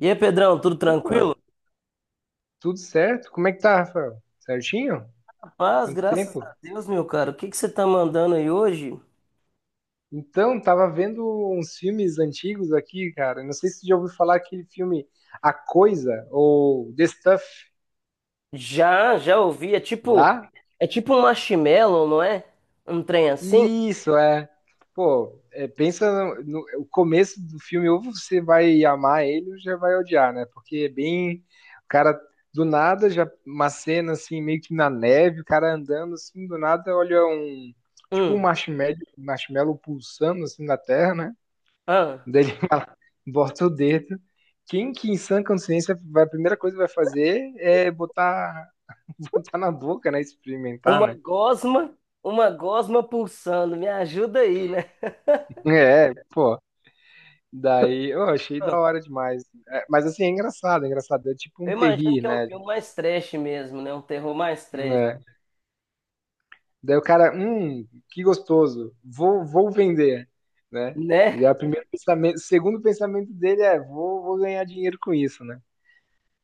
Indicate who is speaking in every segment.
Speaker 1: E aí, Pedrão, tudo
Speaker 2: Opa,
Speaker 1: tranquilo?
Speaker 2: tudo certo? Como é que tá, Rafael? Certinho?
Speaker 1: Paz,
Speaker 2: Quanto
Speaker 1: graças
Speaker 2: tempo?
Speaker 1: a Deus, meu cara. O que que você tá mandando aí hoje?
Speaker 2: Então, tava vendo uns filmes antigos aqui, cara. Não sei se você já ouviu falar aquele filme A Coisa ou The Stuff.
Speaker 1: Já, já ouvi. É tipo,
Speaker 2: Já?
Speaker 1: é tipo um marshmallow, não é? Um trem assim?
Speaker 2: Isso, é. Pô, é, pensa o começo do filme, ou você vai amar ele ou já vai odiar, né? Porque é bem. O cara, do nada, já uma cena assim, meio que na neve, o cara andando assim, do nada, olha um. Tipo
Speaker 1: Hum,
Speaker 2: um marshmallow pulsando assim na terra, né?
Speaker 1: ah,
Speaker 2: Daí ele fala, bota o dedo. Quem que em sã consciência, a primeira coisa que vai fazer é botar, botar na boca, né? Experimentar,
Speaker 1: uma
Speaker 2: né?
Speaker 1: gosma, uma gosma pulsando. Me ajuda aí, né?
Speaker 2: É, pô. Daí, eu achei
Speaker 1: Ah,
Speaker 2: da hora demais. É, mas assim, é engraçado, é engraçado. É tipo
Speaker 1: eu
Speaker 2: um
Speaker 1: imagino
Speaker 2: terri,
Speaker 1: que é um
Speaker 2: né?
Speaker 1: filme mais trash mesmo, né? Um terror mais trash,
Speaker 2: É. Daí o cara, que gostoso, vou vender, né? E
Speaker 1: né?
Speaker 2: aí o primeiro pensamento, o segundo pensamento dele é, vou ganhar dinheiro com isso, né?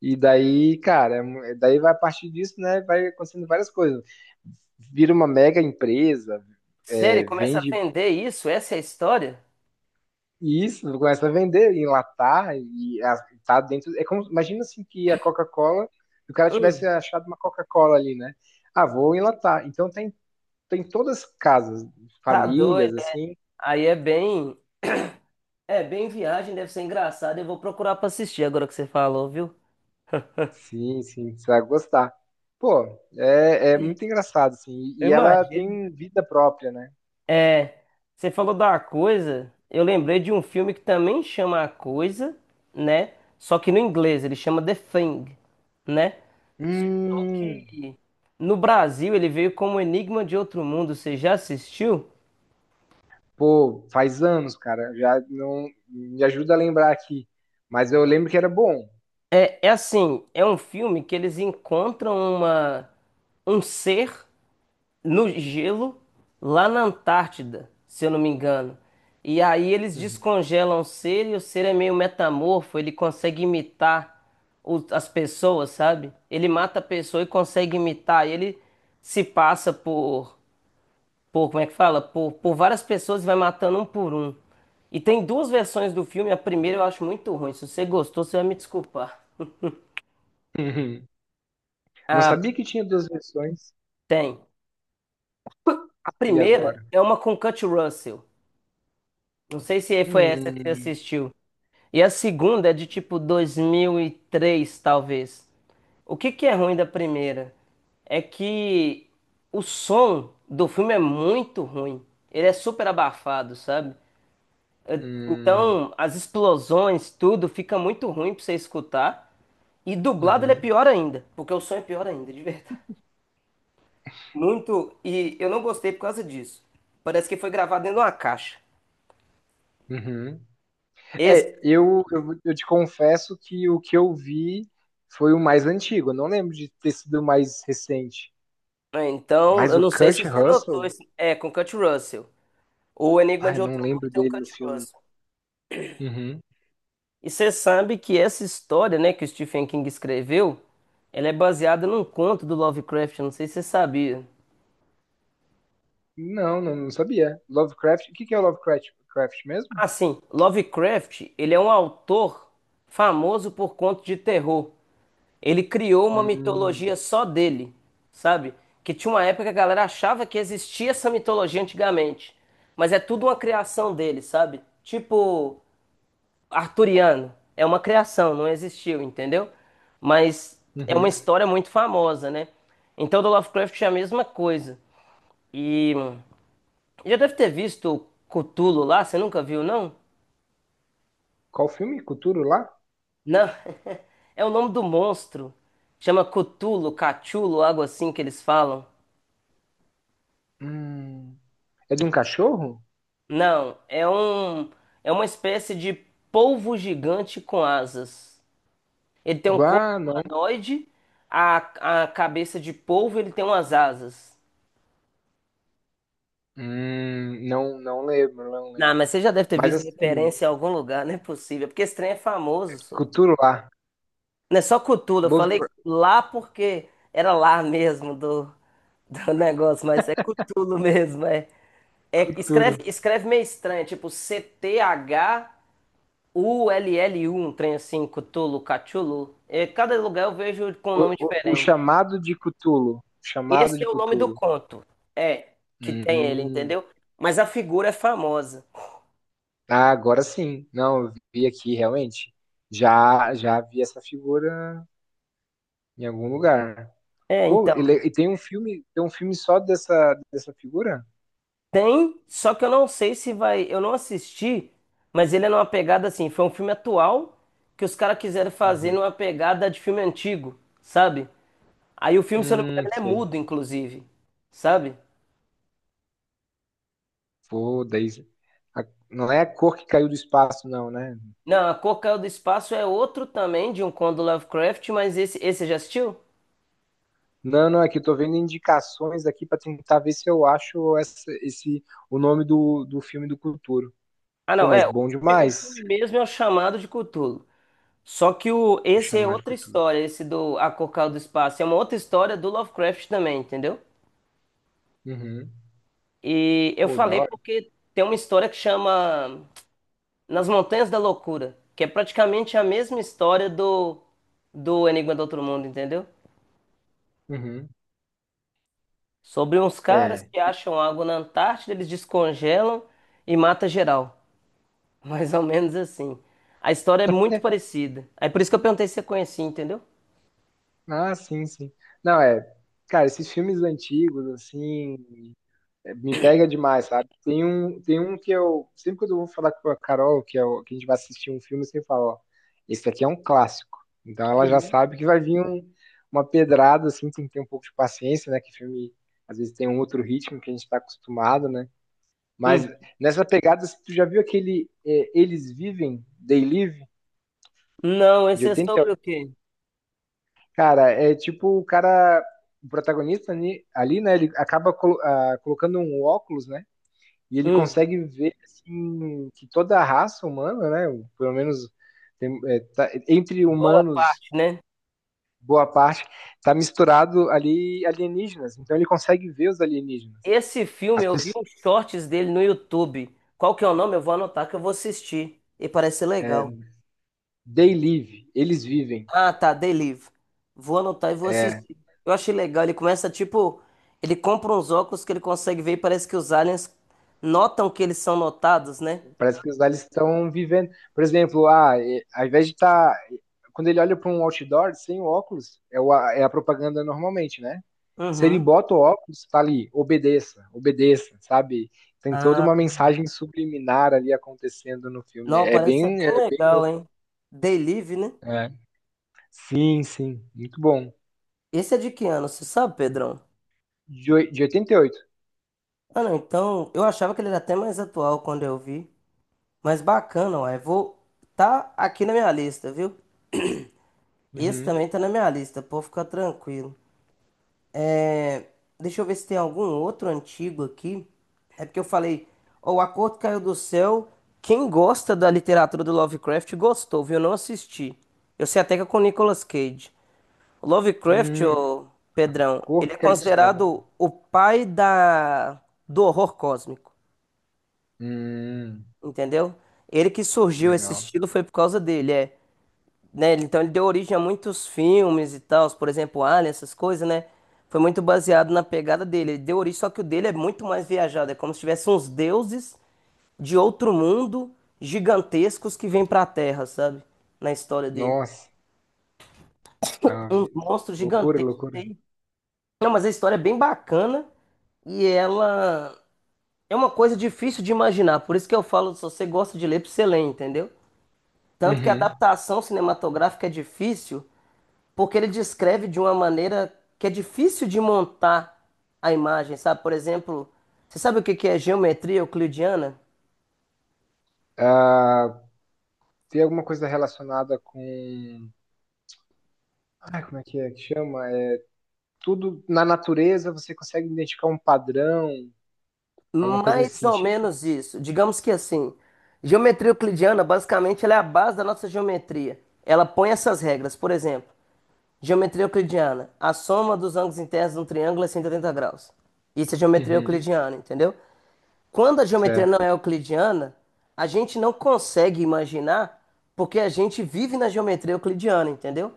Speaker 2: E daí, cara, é daí vai a partir disso, né? Vai acontecendo várias coisas. Vira uma mega empresa,
Speaker 1: Sério,
Speaker 2: é,
Speaker 1: começa a
Speaker 2: vende
Speaker 1: vender isso? Essa é a história?
Speaker 2: isso, começa a vender, enlatar e tá dentro. É como, imagina assim que a Coca-Cola, se o cara
Speaker 1: Hum,
Speaker 2: tivesse achado uma Coca-Cola ali, né? Ah, vou enlatar. Então tem, tem todas as casas,
Speaker 1: tá doido.
Speaker 2: famílias, assim.
Speaker 1: Aí é bem. É, bem viagem, deve ser engraçado. Eu vou procurar pra assistir agora que você falou, viu?
Speaker 2: Sim, sim, você vai gostar. Pô, é, é muito engraçado, assim.
Speaker 1: Eu, é,
Speaker 2: E ela
Speaker 1: imagino.
Speaker 2: tem vida própria, né?
Speaker 1: É, você falou da coisa. Eu lembrei de um filme que também chama A Coisa, né? Só que no inglês ele chama The Thing, né? Só
Speaker 2: Hum,
Speaker 1: que no Brasil ele veio como Enigma de Outro Mundo. Você já assistiu?
Speaker 2: pô, faz anos, cara. Já não me ajuda a lembrar aqui. Mas eu lembro que era bom.
Speaker 1: É, é assim, é um filme que eles encontram uma um ser no gelo, lá na Antártida, se eu não me engano. E aí eles
Speaker 2: Uhum.
Speaker 1: descongelam o ser e o ser é meio metamorfo, ele consegue imitar as pessoas, sabe? Ele mata a pessoa e consegue imitar. E ele se passa por como é que fala? Por várias pessoas e vai matando um por um. E tem duas versões do filme. A primeira eu acho muito ruim. Se você gostou, você vai me desculpar.
Speaker 2: Uhum. Não
Speaker 1: Ah,
Speaker 2: sabia que tinha duas versões.
Speaker 1: tem. A
Speaker 2: E
Speaker 1: primeira
Speaker 2: agora?
Speaker 1: é uma com Kurt Russell. Não sei se foi essa que você
Speaker 2: Hum,
Speaker 1: assistiu. E a segunda é de tipo 2003, talvez. O que que é ruim da primeira? É que o som do filme é muito ruim. Ele é super abafado, sabe? Eh,
Speaker 2: hum,
Speaker 1: Então, as explosões, tudo fica muito ruim pra você escutar. E dublado ele é
Speaker 2: uhum,
Speaker 1: pior ainda, porque o som é pior ainda, de verdade. Muito, e eu não gostei por causa disso. Parece que foi gravado dentro de uma caixa.
Speaker 2: uhum.
Speaker 1: Esse,
Speaker 2: É, eu te confesso que o que eu vi foi o mais antigo. Eu não lembro de ter sido o mais recente.
Speaker 1: é, então,
Speaker 2: Mas
Speaker 1: eu
Speaker 2: o
Speaker 1: não sei se
Speaker 2: Kurt
Speaker 1: você
Speaker 2: Russell?
Speaker 1: notou esse, é com Kurt Russell. O Enigma
Speaker 2: Ai,
Speaker 1: de
Speaker 2: não
Speaker 1: Outro Mundo
Speaker 2: lembro
Speaker 1: tem o
Speaker 2: dele no
Speaker 1: Kurt
Speaker 2: filme.
Speaker 1: Russell.
Speaker 2: Uhum.
Speaker 1: E você sabe que essa história, né, que o Stephen King escreveu, ela é baseada num conto do Lovecraft, eu não sei se você sabia.
Speaker 2: Não, não, não sabia. Lovecraft, o que que é o Lovecraft Craft mesmo?
Speaker 1: Ah, sim, Lovecraft, ele é um autor famoso por contos de terror. Ele criou uma
Speaker 2: Hum,
Speaker 1: mitologia só dele, sabe? Que tinha uma época que a galera achava que existia essa mitologia antigamente, mas é tudo uma criação dele, sabe? Tipo arturiano. É uma criação, não existiu, entendeu? Mas é uma
Speaker 2: uhum.
Speaker 1: história muito famosa, né? Então, do Lovecraft é a mesma coisa. E já deve ter visto o Cthulhu lá, você nunca viu, não?
Speaker 2: Qual filme? Cthulhu lá?
Speaker 1: Não, é o nome do monstro. Chama Cthulhu, Cachulo, algo assim que eles falam.
Speaker 2: Hum. É de um cachorro?
Speaker 1: Não, é uma espécie de polvo gigante com asas. Ele tem um corpo
Speaker 2: Ah, não.
Speaker 1: humanoide, a cabeça de polvo, ele tem umas asas.
Speaker 2: Não, não lembro, não
Speaker 1: Não,
Speaker 2: lembro.
Speaker 1: mas você já deve ter
Speaker 2: Mas
Speaker 1: visto
Speaker 2: assim,
Speaker 1: referência em algum lugar, não é possível, porque esse trem é famoso, só.
Speaker 2: Cthulhu lá.
Speaker 1: Não é só Cthulhu, eu falei
Speaker 2: Lovecraft,
Speaker 1: lá porque era lá mesmo do negócio, mas é Cthulhu mesmo, é. É,
Speaker 2: Cthulhu.
Speaker 1: escreve meio estranho, tipo Cthullu, um trem assim, Cthulhu, Cthulhu. É, cada lugar eu vejo com um
Speaker 2: O,
Speaker 1: nome
Speaker 2: o, o
Speaker 1: diferente.
Speaker 2: chamado de Cthulhu. O chamado
Speaker 1: Esse
Speaker 2: de
Speaker 1: é o nome do
Speaker 2: Cthulhu.
Speaker 1: conto, é, que tem ele,
Speaker 2: Hum.
Speaker 1: entendeu? Mas a figura é famosa.
Speaker 2: Ah, agora sim. Não, eu vi aqui realmente. Já, já vi essa figura em algum lugar.
Speaker 1: É,
Speaker 2: Pô,
Speaker 1: então.
Speaker 2: ele, e tem um filme só dessa, dessa figura?
Speaker 1: Tem, só que eu não sei se vai. Eu não assisti, mas ele é numa pegada assim. Foi um filme atual que os caras quiseram fazer
Speaker 2: Uhum.
Speaker 1: numa pegada de filme antigo, sabe? Aí o filme, se eu não me engano, ele é
Speaker 2: Sei.
Speaker 1: mudo, inclusive, sabe?
Speaker 2: Pô, daí. Não é a cor que caiu do espaço, não, né?
Speaker 1: Não, A Cor Caiu do Espaço é outro também de um conto do Lovecraft, mas esse você já assistiu?
Speaker 2: Não, não, é que eu tô vendo indicações aqui pra tentar ver se eu acho essa, esse, o nome do filme do Cthulhu.
Speaker 1: Ah,
Speaker 2: Pô,
Speaker 1: não,
Speaker 2: mas
Speaker 1: é. O
Speaker 2: bom
Speaker 1: filme, o
Speaker 2: demais
Speaker 1: filme mesmo é o Chamado de Cthulhu. Só que
Speaker 2: o
Speaker 1: esse é
Speaker 2: chamar de
Speaker 1: outra
Speaker 2: cultura.
Speaker 1: história, esse do A Cor Caiu do Espaço. É uma outra história do Lovecraft também, entendeu?
Speaker 2: Uhum.
Speaker 1: E eu
Speaker 2: Pô, da
Speaker 1: falei
Speaker 2: hora.
Speaker 1: porque tem uma história que chama Nas Montanhas da Loucura, que é praticamente a mesma história do Enigma do Outro Mundo, entendeu?
Speaker 2: Uhum.
Speaker 1: Sobre uns
Speaker 2: É.
Speaker 1: caras que acham água na Antártida, eles descongelam e mata geral. Mais ou menos assim. A história é muito parecida. Aí por isso que eu perguntei se você conhecia, entendeu?
Speaker 2: Ah, sim, sim. Não, é. Cara, esses filmes antigos, assim, é, me pega demais, sabe? Tem um que eu. Sempre quando eu vou falar com a Carol, que, que a gente vai assistir um filme, eu sempre falo, ó, esse aqui é um clássico. Então ela já
Speaker 1: Uhum.
Speaker 2: sabe que vai vir uma pedrada, assim, tem que ter um pouco de paciência, né? Que filme, às vezes, tem um outro ritmo que a gente está acostumado, né?
Speaker 1: Hum.
Speaker 2: Mas nessa pegada, tu já viu aquele Eles Vivem, They Live,
Speaker 1: Não,
Speaker 2: de
Speaker 1: esse é
Speaker 2: 80?
Speaker 1: sobre o quê?
Speaker 2: Cara, é tipo o cara, o protagonista ali, ali né? Ele acaba colocando um óculos, né? E ele
Speaker 1: Hum.
Speaker 2: consegue ver assim, que toda a raça humana, né? Pelo menos entre
Speaker 1: Boa
Speaker 2: humanos,
Speaker 1: parte, né?
Speaker 2: boa parte, tá misturado ali alienígenas. Então ele consegue ver os alienígenas.
Speaker 1: Esse filme,
Speaker 2: As
Speaker 1: eu vi
Speaker 2: pessoas,
Speaker 1: uns shorts dele no YouTube. Qual que é o nome? Eu vou anotar que eu vou assistir. E parece ser
Speaker 2: é,
Speaker 1: legal.
Speaker 2: they live, eles vivem.
Speaker 1: Ah, tá, Delive. Vou anotar e vou
Speaker 2: É,
Speaker 1: assistir. Eu achei legal. Ele começa, tipo, ele compra uns óculos que ele consegue ver e parece que os aliens notam que eles são notados, né?
Speaker 2: parece que os lá eles estão vivendo. Por exemplo, ah, ao invés de estar. Quando ele olha para um outdoor sem o óculos, é, é a propaganda normalmente, né? Se ele
Speaker 1: Uhum.
Speaker 2: bota o óculos, tá ali, obedeça, obedeça, sabe? Tem toda uma
Speaker 1: Ah,
Speaker 2: mensagem subliminar ali acontecendo no filme.
Speaker 1: não, parece ser bem
Speaker 2: É bem
Speaker 1: legal,
Speaker 2: louco.
Speaker 1: hein? Delive, né?
Speaker 2: É. Sim, sim, muito bom.
Speaker 1: Esse é de que ano? Você sabe, Pedrão?
Speaker 2: De, de 88.
Speaker 1: Ah, não, então, eu achava que ele era até mais atual quando eu vi. Mas bacana, ué. Vou. Tá aqui na minha lista, viu? Esse
Speaker 2: Uhum.
Speaker 1: também tá na minha lista, pode ficar tranquilo. É... Deixa eu ver se tem algum outro antigo aqui. É porque eu falei, ó, O Acordo Caiu do Céu. Quem gosta da literatura do Lovecraft gostou, viu? Eu não assisti. Eu sei até que é com Nicolas Cage. O Lovecraft,
Speaker 2: Hum,
Speaker 1: ô Pedrão,
Speaker 2: cor
Speaker 1: ele
Speaker 2: que
Speaker 1: é
Speaker 2: caiu do céu.
Speaker 1: considerado o pai da... Do horror cósmico,
Speaker 2: Hum,
Speaker 1: entendeu? Ele que surgiu esse
Speaker 2: legal.
Speaker 1: estilo foi por causa dele, é, né? Então ele deu origem a muitos filmes e tal, por exemplo, Alien, essas coisas, né? Foi muito baseado na pegada dele. Ele deu origem, só que o dele é muito mais viajado. É como se tivesse uns deuses de outro mundo gigantescos que vêm pra Terra, sabe? Na história dele.
Speaker 2: Nossa, ah,
Speaker 1: Uns monstros
Speaker 2: loucura,
Speaker 1: gigantescos.
Speaker 2: loucura.
Speaker 1: Hein? Não, mas a história é bem bacana e ela é uma coisa difícil de imaginar. Por isso que eu falo, se você gosta de ler, pra você ler, entendeu? Tanto que a
Speaker 2: Uhum.
Speaker 1: adaptação cinematográfica é difícil. Porque ele descreve de uma maneira que é difícil de montar a imagem, sabe? Por exemplo, você sabe o que que é geometria euclidiana?
Speaker 2: Ah, tem alguma coisa relacionada com. Ah, como é que chama? É, tudo na natureza você consegue identificar um padrão, alguma coisa nesse
Speaker 1: Mais ou
Speaker 2: sentido?
Speaker 1: menos isso. Digamos que assim, geometria euclidiana, basicamente, ela é a base da nossa geometria. Ela põe essas regras. Por exemplo, geometria euclidiana, a soma dos ângulos internos de um triângulo é 180 graus. Isso é geometria
Speaker 2: Uhum.
Speaker 1: euclidiana, entendeu? Quando a geometria
Speaker 2: Certo,
Speaker 1: não é euclidiana, a gente não consegue imaginar porque a gente vive na geometria euclidiana, entendeu?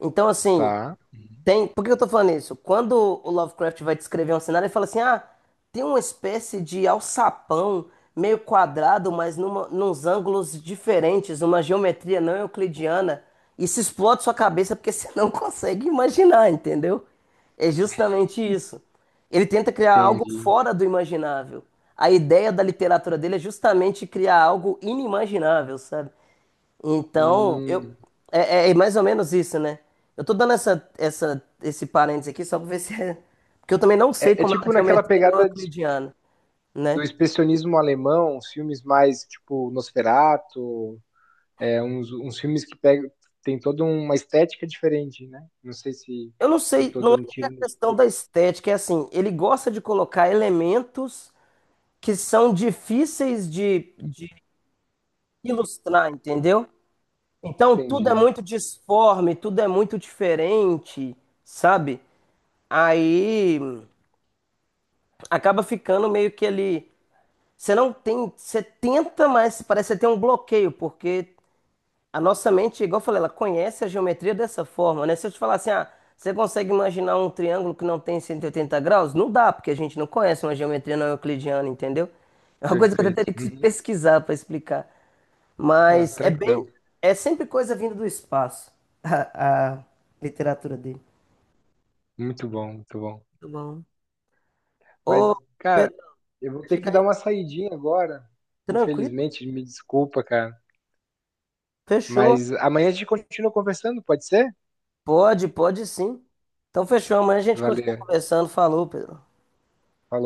Speaker 1: Então, assim,
Speaker 2: tá,
Speaker 1: tem, por que eu tô falando isso? Quando o Lovecraft vai descrever um cenário, ele fala assim: ah, tem uma espécie de alçapão meio quadrado, mas nos ângulos diferentes, uma geometria não euclidiana. Isso explode sua cabeça porque você não consegue imaginar, entendeu? É justamente isso. Ele tenta criar algo
Speaker 2: entendi.
Speaker 1: fora do imaginável. A ideia da literatura dele é justamente criar algo inimaginável, sabe? Então, eu
Speaker 2: Hum,
Speaker 1: é, é é mais ou menos isso, né? Eu tô dando esse parênteses aqui só pra ver se é. Porque eu também não sei
Speaker 2: é, é
Speaker 1: como é a
Speaker 2: tipo naquela
Speaker 1: geometria não
Speaker 2: pegada
Speaker 1: euclidiana,
Speaker 2: do
Speaker 1: né?
Speaker 2: expressionismo alemão, os filmes mais tipo Nosferatu, é, uns filmes que pegam, tem toda uma estética diferente, né? Não sei se,
Speaker 1: Eu não
Speaker 2: se eu
Speaker 1: sei,
Speaker 2: tô
Speaker 1: não é
Speaker 2: dando
Speaker 1: nem a
Speaker 2: tiro no
Speaker 1: questão
Speaker 2: escuro.
Speaker 1: da estética, é assim, ele gosta de colocar elementos que são difíceis de ilustrar, entendeu? Então tudo é
Speaker 2: Entendi,
Speaker 1: muito disforme, tudo é muito diferente, sabe? Aí acaba ficando meio que ele. Você não tem, você tenta, mas parece que você tem um bloqueio, porque a nossa mente, igual eu falei, ela conhece a geometria dessa forma, né? Se eu te falar assim, ah, você consegue imaginar um triângulo que não tem 180 graus? Não dá, porque a gente não conhece uma geometria não euclidiana, entendeu? É uma coisa que eu até
Speaker 2: perfeito.
Speaker 1: teria que
Speaker 2: Uhum.
Speaker 1: pesquisar para explicar.
Speaker 2: Ah,
Speaker 1: Mas
Speaker 2: tranquilo.
Speaker 1: é sempre coisa vinda do espaço, a literatura dele.
Speaker 2: Muito bom, muito bom.
Speaker 1: Muito bom.
Speaker 2: Mas,
Speaker 1: Ô,
Speaker 2: cara,
Speaker 1: Pedro,
Speaker 2: eu vou ter que
Speaker 1: diga
Speaker 2: dar
Speaker 1: aí,
Speaker 2: uma saidinha agora.
Speaker 1: tranquilo?
Speaker 2: Infelizmente, me desculpa, cara.
Speaker 1: Fechou.
Speaker 2: Mas amanhã a gente continua conversando, pode ser?
Speaker 1: Pode, pode sim. Então fechou, amanhã a gente continua
Speaker 2: Valeu.
Speaker 1: conversando. Falou, Pedro.
Speaker 2: Falou.